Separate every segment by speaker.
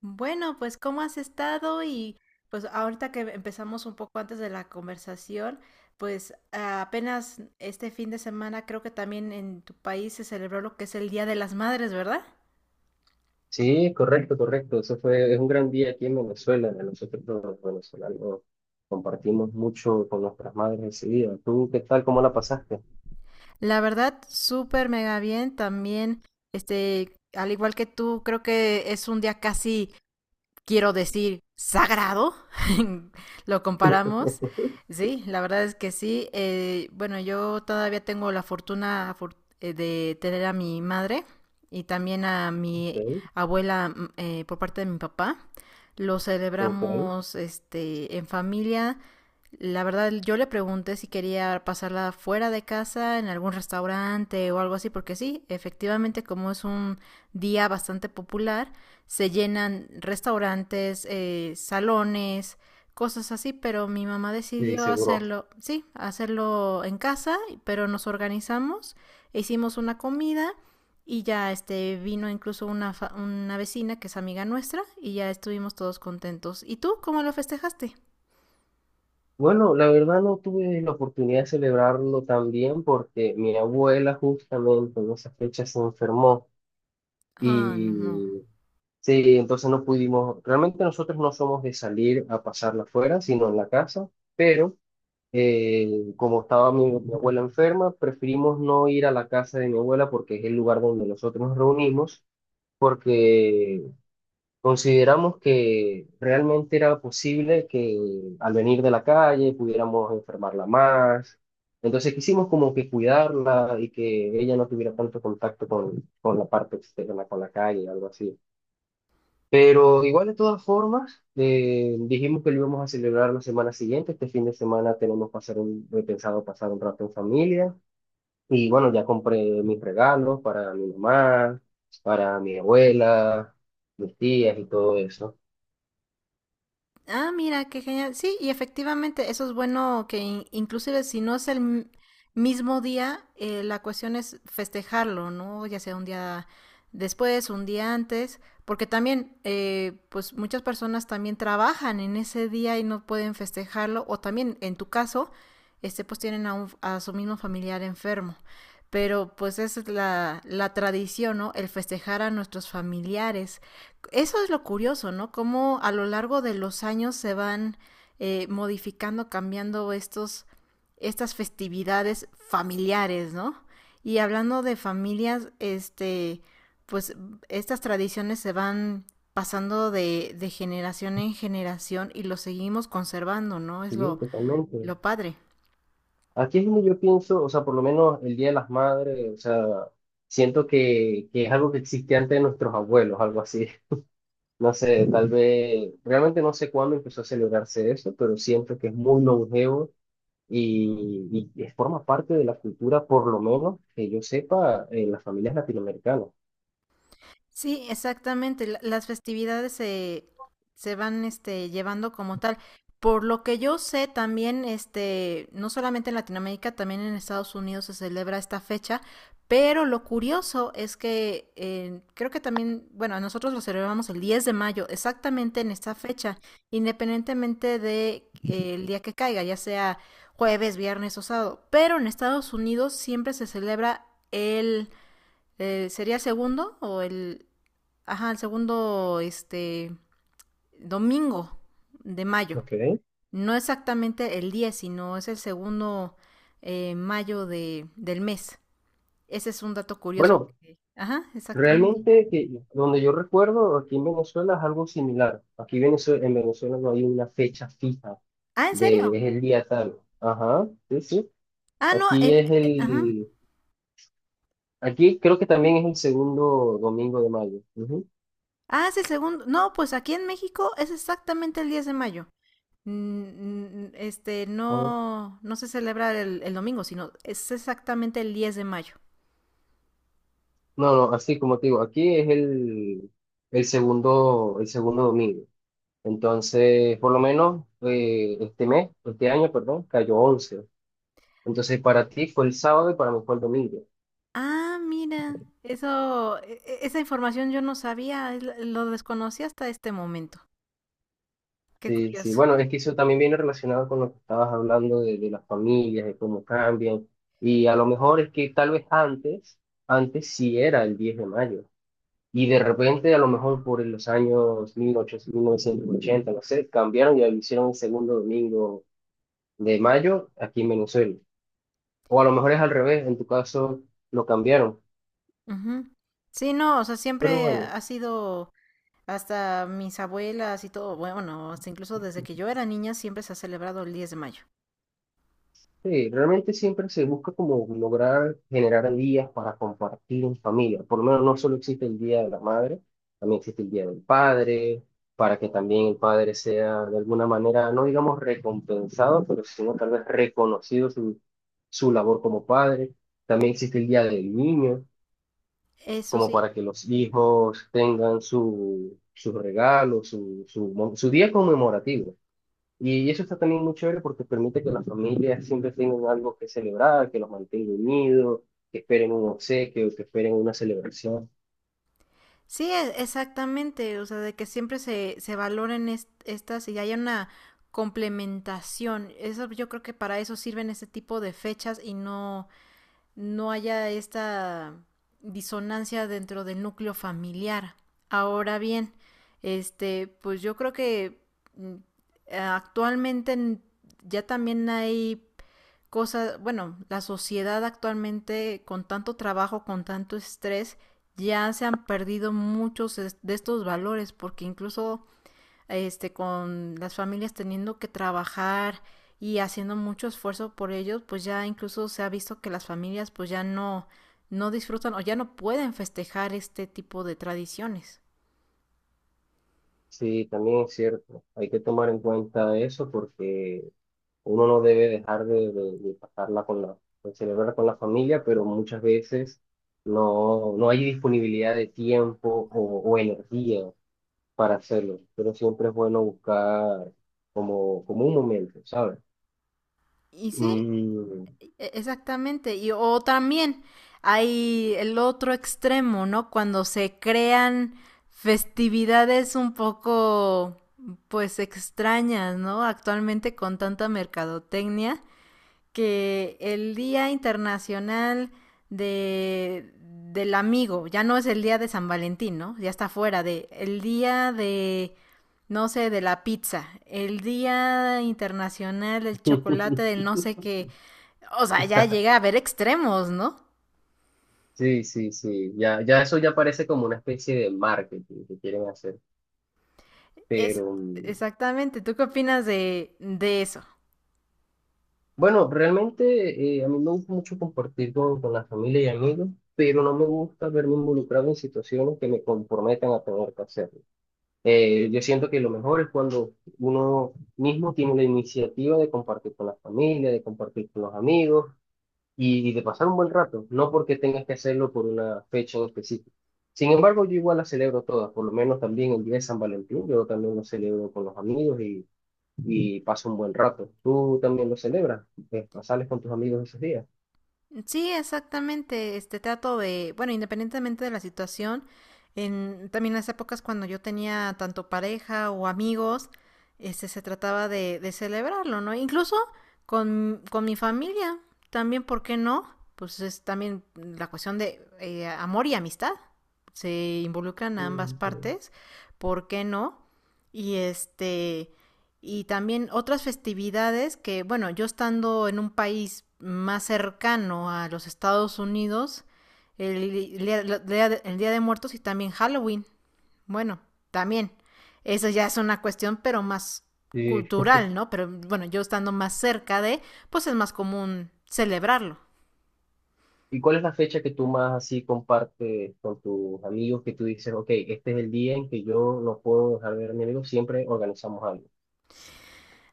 Speaker 1: Bueno, pues ¿cómo has estado? Y pues ahorita que empezamos un poco antes de la conversación, pues apenas este fin de semana creo que también en tu país se celebró lo que es el Día de las Madres, ¿verdad?
Speaker 2: Sí, correcto, correcto. Eso fue, es un gran día aquí en Venezuela. Nosotros los venezolanos compartimos mucho con nuestras madres ese día. ¿Tú qué tal? ¿Cómo la pasaste?
Speaker 1: La verdad, súper mega bien. También, al igual que tú, creo que es un día casi quiero decir, sagrado, lo comparamos. Sí, la verdad es que sí. Bueno, yo todavía tengo la fortuna de tener a mi madre y también a mi
Speaker 2: Ok,
Speaker 1: abuela por parte de mi papá. Lo
Speaker 2: ok,
Speaker 1: celebramos en familia. La verdad, yo le pregunté si quería pasarla fuera de casa, en algún restaurante o algo así, porque sí, efectivamente, como es un día bastante popular, se llenan restaurantes, salones, cosas así, pero mi mamá
Speaker 2: sí,
Speaker 1: decidió
Speaker 2: seguro.
Speaker 1: hacerlo, sí, hacerlo en casa, pero nos organizamos, hicimos una comida y ya vino incluso una, una vecina que es amiga nuestra y ya estuvimos todos contentos. ¿Y tú cómo lo festejaste?
Speaker 2: Bueno, la verdad no tuve la oportunidad de celebrarlo también porque mi abuela justamente en esa fecha se enfermó
Speaker 1: Ah, no, no.
Speaker 2: y sí, entonces no pudimos, realmente nosotros no somos de salir a pasarla afuera, sino en la casa, pero como estaba mi abuela enferma, preferimos no ir a la casa de mi abuela porque es el lugar donde nosotros nos reunimos, porque consideramos que realmente era posible que al venir de la calle pudiéramos enfermarla más. Entonces quisimos como que cuidarla y que ella no tuviera tanto contacto con la parte externa, con la calle, algo así. Pero igual de todas formas, dijimos que lo íbamos a celebrar la semana siguiente. Este fin de semana tenemos pasar un, he pensado pasar un rato en familia. Y bueno, ya compré mis regalos para mi mamá, para mi abuela, mis tías y todo eso.
Speaker 1: Ah, mira, qué genial. Sí, y efectivamente, eso es bueno que inclusive si no es el mismo día, la cuestión es festejarlo, ¿no? Ya sea un día después, un día antes, porque también, pues muchas personas también trabajan en ese día y no pueden festejarlo, o también en tu caso, pues tienen a, a su mismo familiar enfermo. Pero pues esa es la, la tradición, ¿no? El festejar a nuestros familiares eso es lo curioso, ¿no? Cómo a lo largo de los años se van modificando, cambiando estos, estas festividades familiares, ¿no? Y hablando de familias, pues estas tradiciones se van pasando de generación en generación y lo seguimos conservando, ¿no? Es
Speaker 2: Y digo totalmente.
Speaker 1: lo padre.
Speaker 2: Aquí es donde yo pienso, o sea, por lo menos el Día de las Madres, o sea, siento que es algo que existía antes de nuestros abuelos, algo así. No sé, tal vez, realmente no sé cuándo empezó a celebrarse eso, pero siento que es muy longevo y forma parte de la cultura, por lo menos que yo sepa, en las familias latinoamericanas.
Speaker 1: Sí, exactamente. Las festividades se, se van llevando como tal. Por lo que yo sé, también, no solamente en Latinoamérica, también en Estados Unidos se celebra esta fecha. Pero lo curioso es que creo que también, bueno, nosotros lo celebramos el 10 de mayo, exactamente en esta fecha, independientemente de, el día que caiga, ya sea jueves, viernes o sábado. Pero en Estados Unidos siempre se celebra ¿sería segundo o el... Ajá, el segundo, domingo de mayo.
Speaker 2: ¿Ok?
Speaker 1: No exactamente el 10 sino es el segundo mayo de, del mes. Ese es un dato curioso.
Speaker 2: Bueno,
Speaker 1: Ajá, exactamente.
Speaker 2: realmente que donde yo recuerdo, aquí en Venezuela es algo similar. Aquí Venezue- en Venezuela no hay una fecha fija
Speaker 1: Ah, ¿en
Speaker 2: de
Speaker 1: serio?
Speaker 2: es el día tal. Ajá, sí, sí.
Speaker 1: Ah, no,
Speaker 2: Aquí es
Speaker 1: ajá.
Speaker 2: el, aquí creo que también es el segundo domingo de mayo. Ujú.
Speaker 1: Ah, es el segundo. No, pues aquí en México es exactamente el 10 de mayo.
Speaker 2: Ajá.
Speaker 1: No, no se celebra el domingo, sino es exactamente el 10 de mayo.
Speaker 2: No, no, así como te digo, aquí es el segundo domingo. Entonces, por lo menos este mes, este año, perdón, cayó 11. Entonces, para ti fue el sábado y para mí fue el domingo.
Speaker 1: Ah, mira, eso, esa información yo no sabía, es lo desconocí hasta este momento. Qué
Speaker 2: Sí, sí,
Speaker 1: curioso.
Speaker 2: bueno, es que eso también viene relacionado con lo que estabas hablando de las familias, de cómo cambian. Y a lo mejor es que tal vez antes, antes sí era el 10 de mayo. Y de repente, a lo mejor por los años 1800, 1980 no sé, cambiaron y lo hicieron el segundo domingo de mayo aquí en Venezuela. O a lo mejor es al revés, en tu caso lo cambiaron.
Speaker 1: Ujú. Sí, no, o sea,
Speaker 2: Pero
Speaker 1: siempre
Speaker 2: bueno,
Speaker 1: ha sido hasta mis abuelas y todo, bueno, hasta incluso desde que yo era niña siempre se ha celebrado el 10 de mayo.
Speaker 2: sí, realmente siempre se busca como lograr generar días para compartir en familia. Por lo menos no solo existe el Día de la Madre, también existe el Día del Padre, para que también el padre sea de alguna manera, no digamos recompensado, pero sino tal vez reconocido su, su labor como padre. También existe el Día del Niño,
Speaker 1: Eso
Speaker 2: como
Speaker 1: sí,
Speaker 2: para que los hijos tengan su, su regalo, su, mo- su día conmemorativo. Y eso está también muy chévere porque permite que las familias siempre tengan algo que celebrar, que los mantenga unidos, que esperen un obsequio, que esperen una celebración.
Speaker 1: sí, exactamente, o sea, de que siempre se, se valoren estas y haya una complementación. Eso yo creo que para eso sirven este tipo de fechas y no no haya esta disonancia dentro del núcleo familiar. Ahora bien, pues yo creo que mm, actualmente ya también hay cosas, bueno, la sociedad actualmente con tanto trabajo, con tanto estrés, ya se han perdido muchos de estos valores, porque incluso con las familias teniendo que trabajar y haciendo mucho esfuerzo por ellos, pues ya incluso se ha visto que las familias pues ya no, no disfrutan o ya no pueden festejar este tipo de tradiciones.
Speaker 2: Sí, también es cierto. Hay que tomar en cuenta eso porque uno no debe dejar de pasarla con la, de celebrar con la familia, pero muchas veces no, no hay disponibilidad de tiempo o energía para hacerlo. Pero siempre es bueno buscar como, como un momento, ¿sabes?
Speaker 1: Y sí,
Speaker 2: Mm.
Speaker 1: exactamente. Y o también hay el otro extremo, ¿no? Cuando se crean festividades un poco pues extrañas, ¿no? Actualmente con tanta mercadotecnia que el Día Internacional de, del Amigo, ya no es el Día de San Valentín, ¿no? Ya está fuera de el Día de, no sé, de la pizza, el Día Internacional del Chocolate, del no sé qué, o sea, ya llega a haber extremos, ¿no?
Speaker 2: Sí, sí, sí. Ya, ya eso ya parece como una especie de marketing que quieren hacer.
Speaker 1: Es
Speaker 2: Pero mm,
Speaker 1: exactamente, ¿tú qué opinas de eso?
Speaker 2: bueno, realmente a mí me gusta mucho compartir con la familia y amigos, pero no me gusta verme involucrado en situaciones que me comprometan a tener que hacerlo. Yo siento que lo mejor es cuando uno mismo tiene la iniciativa de compartir con la familia, de compartir con los amigos y de pasar un buen rato, no porque tengas que hacerlo por una fecha en específico. Sin embargo, yo igual las celebro todas, por lo menos también el día de San Valentín, yo también lo celebro con los amigos y paso un buen rato. ¿Tú también lo celebras? ¿Sales con tus amigos esos días?
Speaker 1: Sí, exactamente. Este trato de, bueno, independientemente de la situación, en también las épocas cuando yo tenía tanto pareja o amigos, se trataba de celebrarlo, ¿no? Incluso con mi familia, también, ¿por qué no? Pues es también la cuestión de amor y amistad. Se involucran a ambas
Speaker 2: Mm,
Speaker 1: partes, ¿por qué no? Y y también otras festividades que, bueno, yo estando en un país más cercano a los Estados Unidos, el, día- el Día de Muertos y también Halloween. Bueno, también. Eso ya es una cuestión, pero más
Speaker 2: sí.
Speaker 1: cultural, ¿no? Pero bueno, yo estando más cerca de, pues es más común celebrarlo.
Speaker 2: ¿Y cuál es la fecha que tú más así compartes con tus amigos que tú dices, ok, este es el día en que yo no puedo dejar de ver a mi amigo, siempre organizamos algo?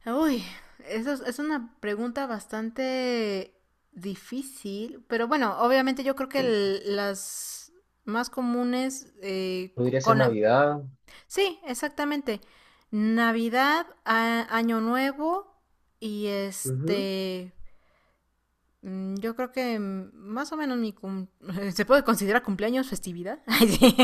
Speaker 1: Uy, eso es una pregunta bastante difícil, pero bueno, obviamente yo creo que las más comunes
Speaker 2: ¿Podría ser Navidad?
Speaker 1: Sí, exactamente. Navidad, Año Nuevo y
Speaker 2: Ujú.
Speaker 1: yo creo que más o menos mi... ¿se puede considerar cumpleaños festividad? Ay, sí.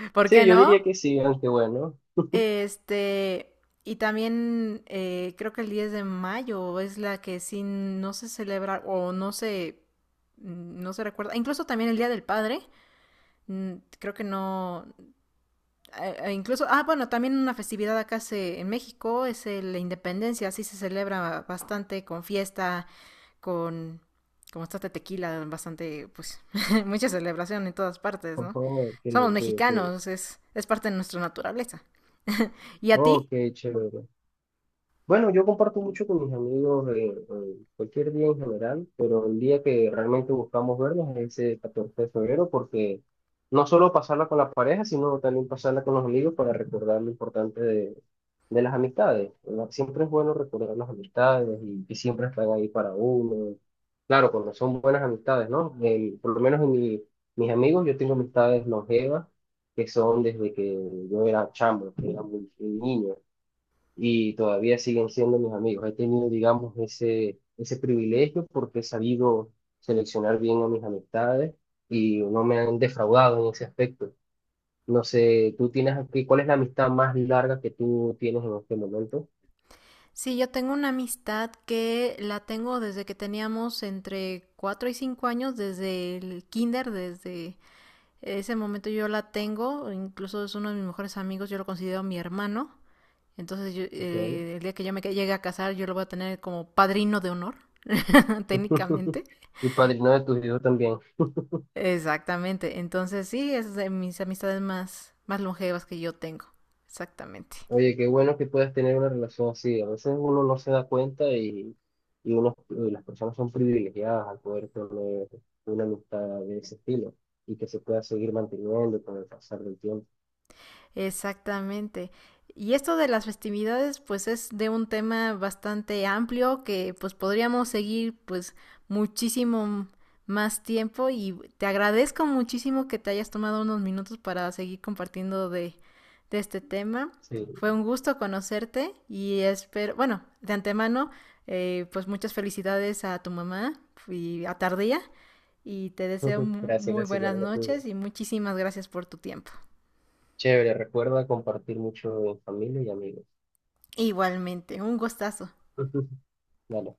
Speaker 1: ¿Por
Speaker 2: Sí,
Speaker 1: qué
Speaker 2: yo
Speaker 1: no?
Speaker 2: diría que sí, aunque bueno.
Speaker 1: Este, y también creo que el 10 de mayo es la que sí no se celebra o no se, no se recuerda. Incluso también el Día del Padre, creo que no, incluso, bueno, también una festividad acá se, en México es la independencia, sí se celebra bastante con fiesta, con, como está de tequila, bastante, pues, mucha celebración en todas partes, ¿no?
Speaker 2: Ojo, ok,
Speaker 1: Somos
Speaker 2: ok, ok.
Speaker 1: mexicanos, es parte de nuestra naturaleza. ¿Y a ti?
Speaker 2: Ok, chévere. Bueno, yo comparto mucho con mis amigos cualquier día en general, pero el día que realmente buscamos vernos es ese 14 de febrero, porque no solo pasarla con la pareja, sino también pasarla con los amigos para recordar lo importante de las amistades. ¿Verdad? Siempre es bueno recordar las amistades y que siempre están ahí para uno. Claro, cuando son buenas amistades, ¿no? El- por lo menos en mi- mis amigos, yo tengo amistades longevas que son desde que yo era chamo, que era muy, muy niño, y todavía siguen siendo mis amigos. He tenido, digamos, ese privilegio porque he sabido seleccionar bien a mis amistades y no me han defraudado en ese aspecto. No sé, tú tienes aquí, ¿cuál es la amistad más larga que tú tienes en este momento?
Speaker 1: Sí, yo tengo una amistad que la tengo desde que teníamos entre 4 y 5 años, desde el kinder, desde ese momento yo la tengo, incluso es uno de mis mejores amigos, yo lo considero mi hermano, entonces yo,
Speaker 2: Ok.
Speaker 1: el día que yo me llegue a casar yo lo voy a tener como padrino de honor, técnicamente.
Speaker 2: Y padrino de tus hijos también.
Speaker 1: Exactamente, entonces sí, es de mis amistades más, más longevas que yo tengo, exactamente.
Speaker 2: Oye, qué bueno que puedas tener una relación así. A veces uno no se da cuenta y, uno, y las personas son privilegiadas al poder tener una amistad de ese estilo y que se pueda seguir manteniendo con el pasar del tiempo.
Speaker 1: Exactamente. Y esto de las festividades, pues es de un tema bastante amplio que pues podríamos seguir pues muchísimo más tiempo y te agradezco muchísimo que te hayas tomado unos minutos para seguir compartiendo de este tema.
Speaker 2: Sí,
Speaker 1: Fue un gusto conocerte y espero, bueno, de antemano, pues muchas felicidades a tu mamá y a Tardía y te deseo
Speaker 2: gracias,
Speaker 1: muy
Speaker 2: gracias, igual
Speaker 1: buenas
Speaker 2: a la tuya.
Speaker 1: noches y muchísimas gracias por tu tiempo.
Speaker 2: Chévere, recuerda compartir mucho en familia y amigos.
Speaker 1: Igualmente, un gustazo.
Speaker 2: Dale.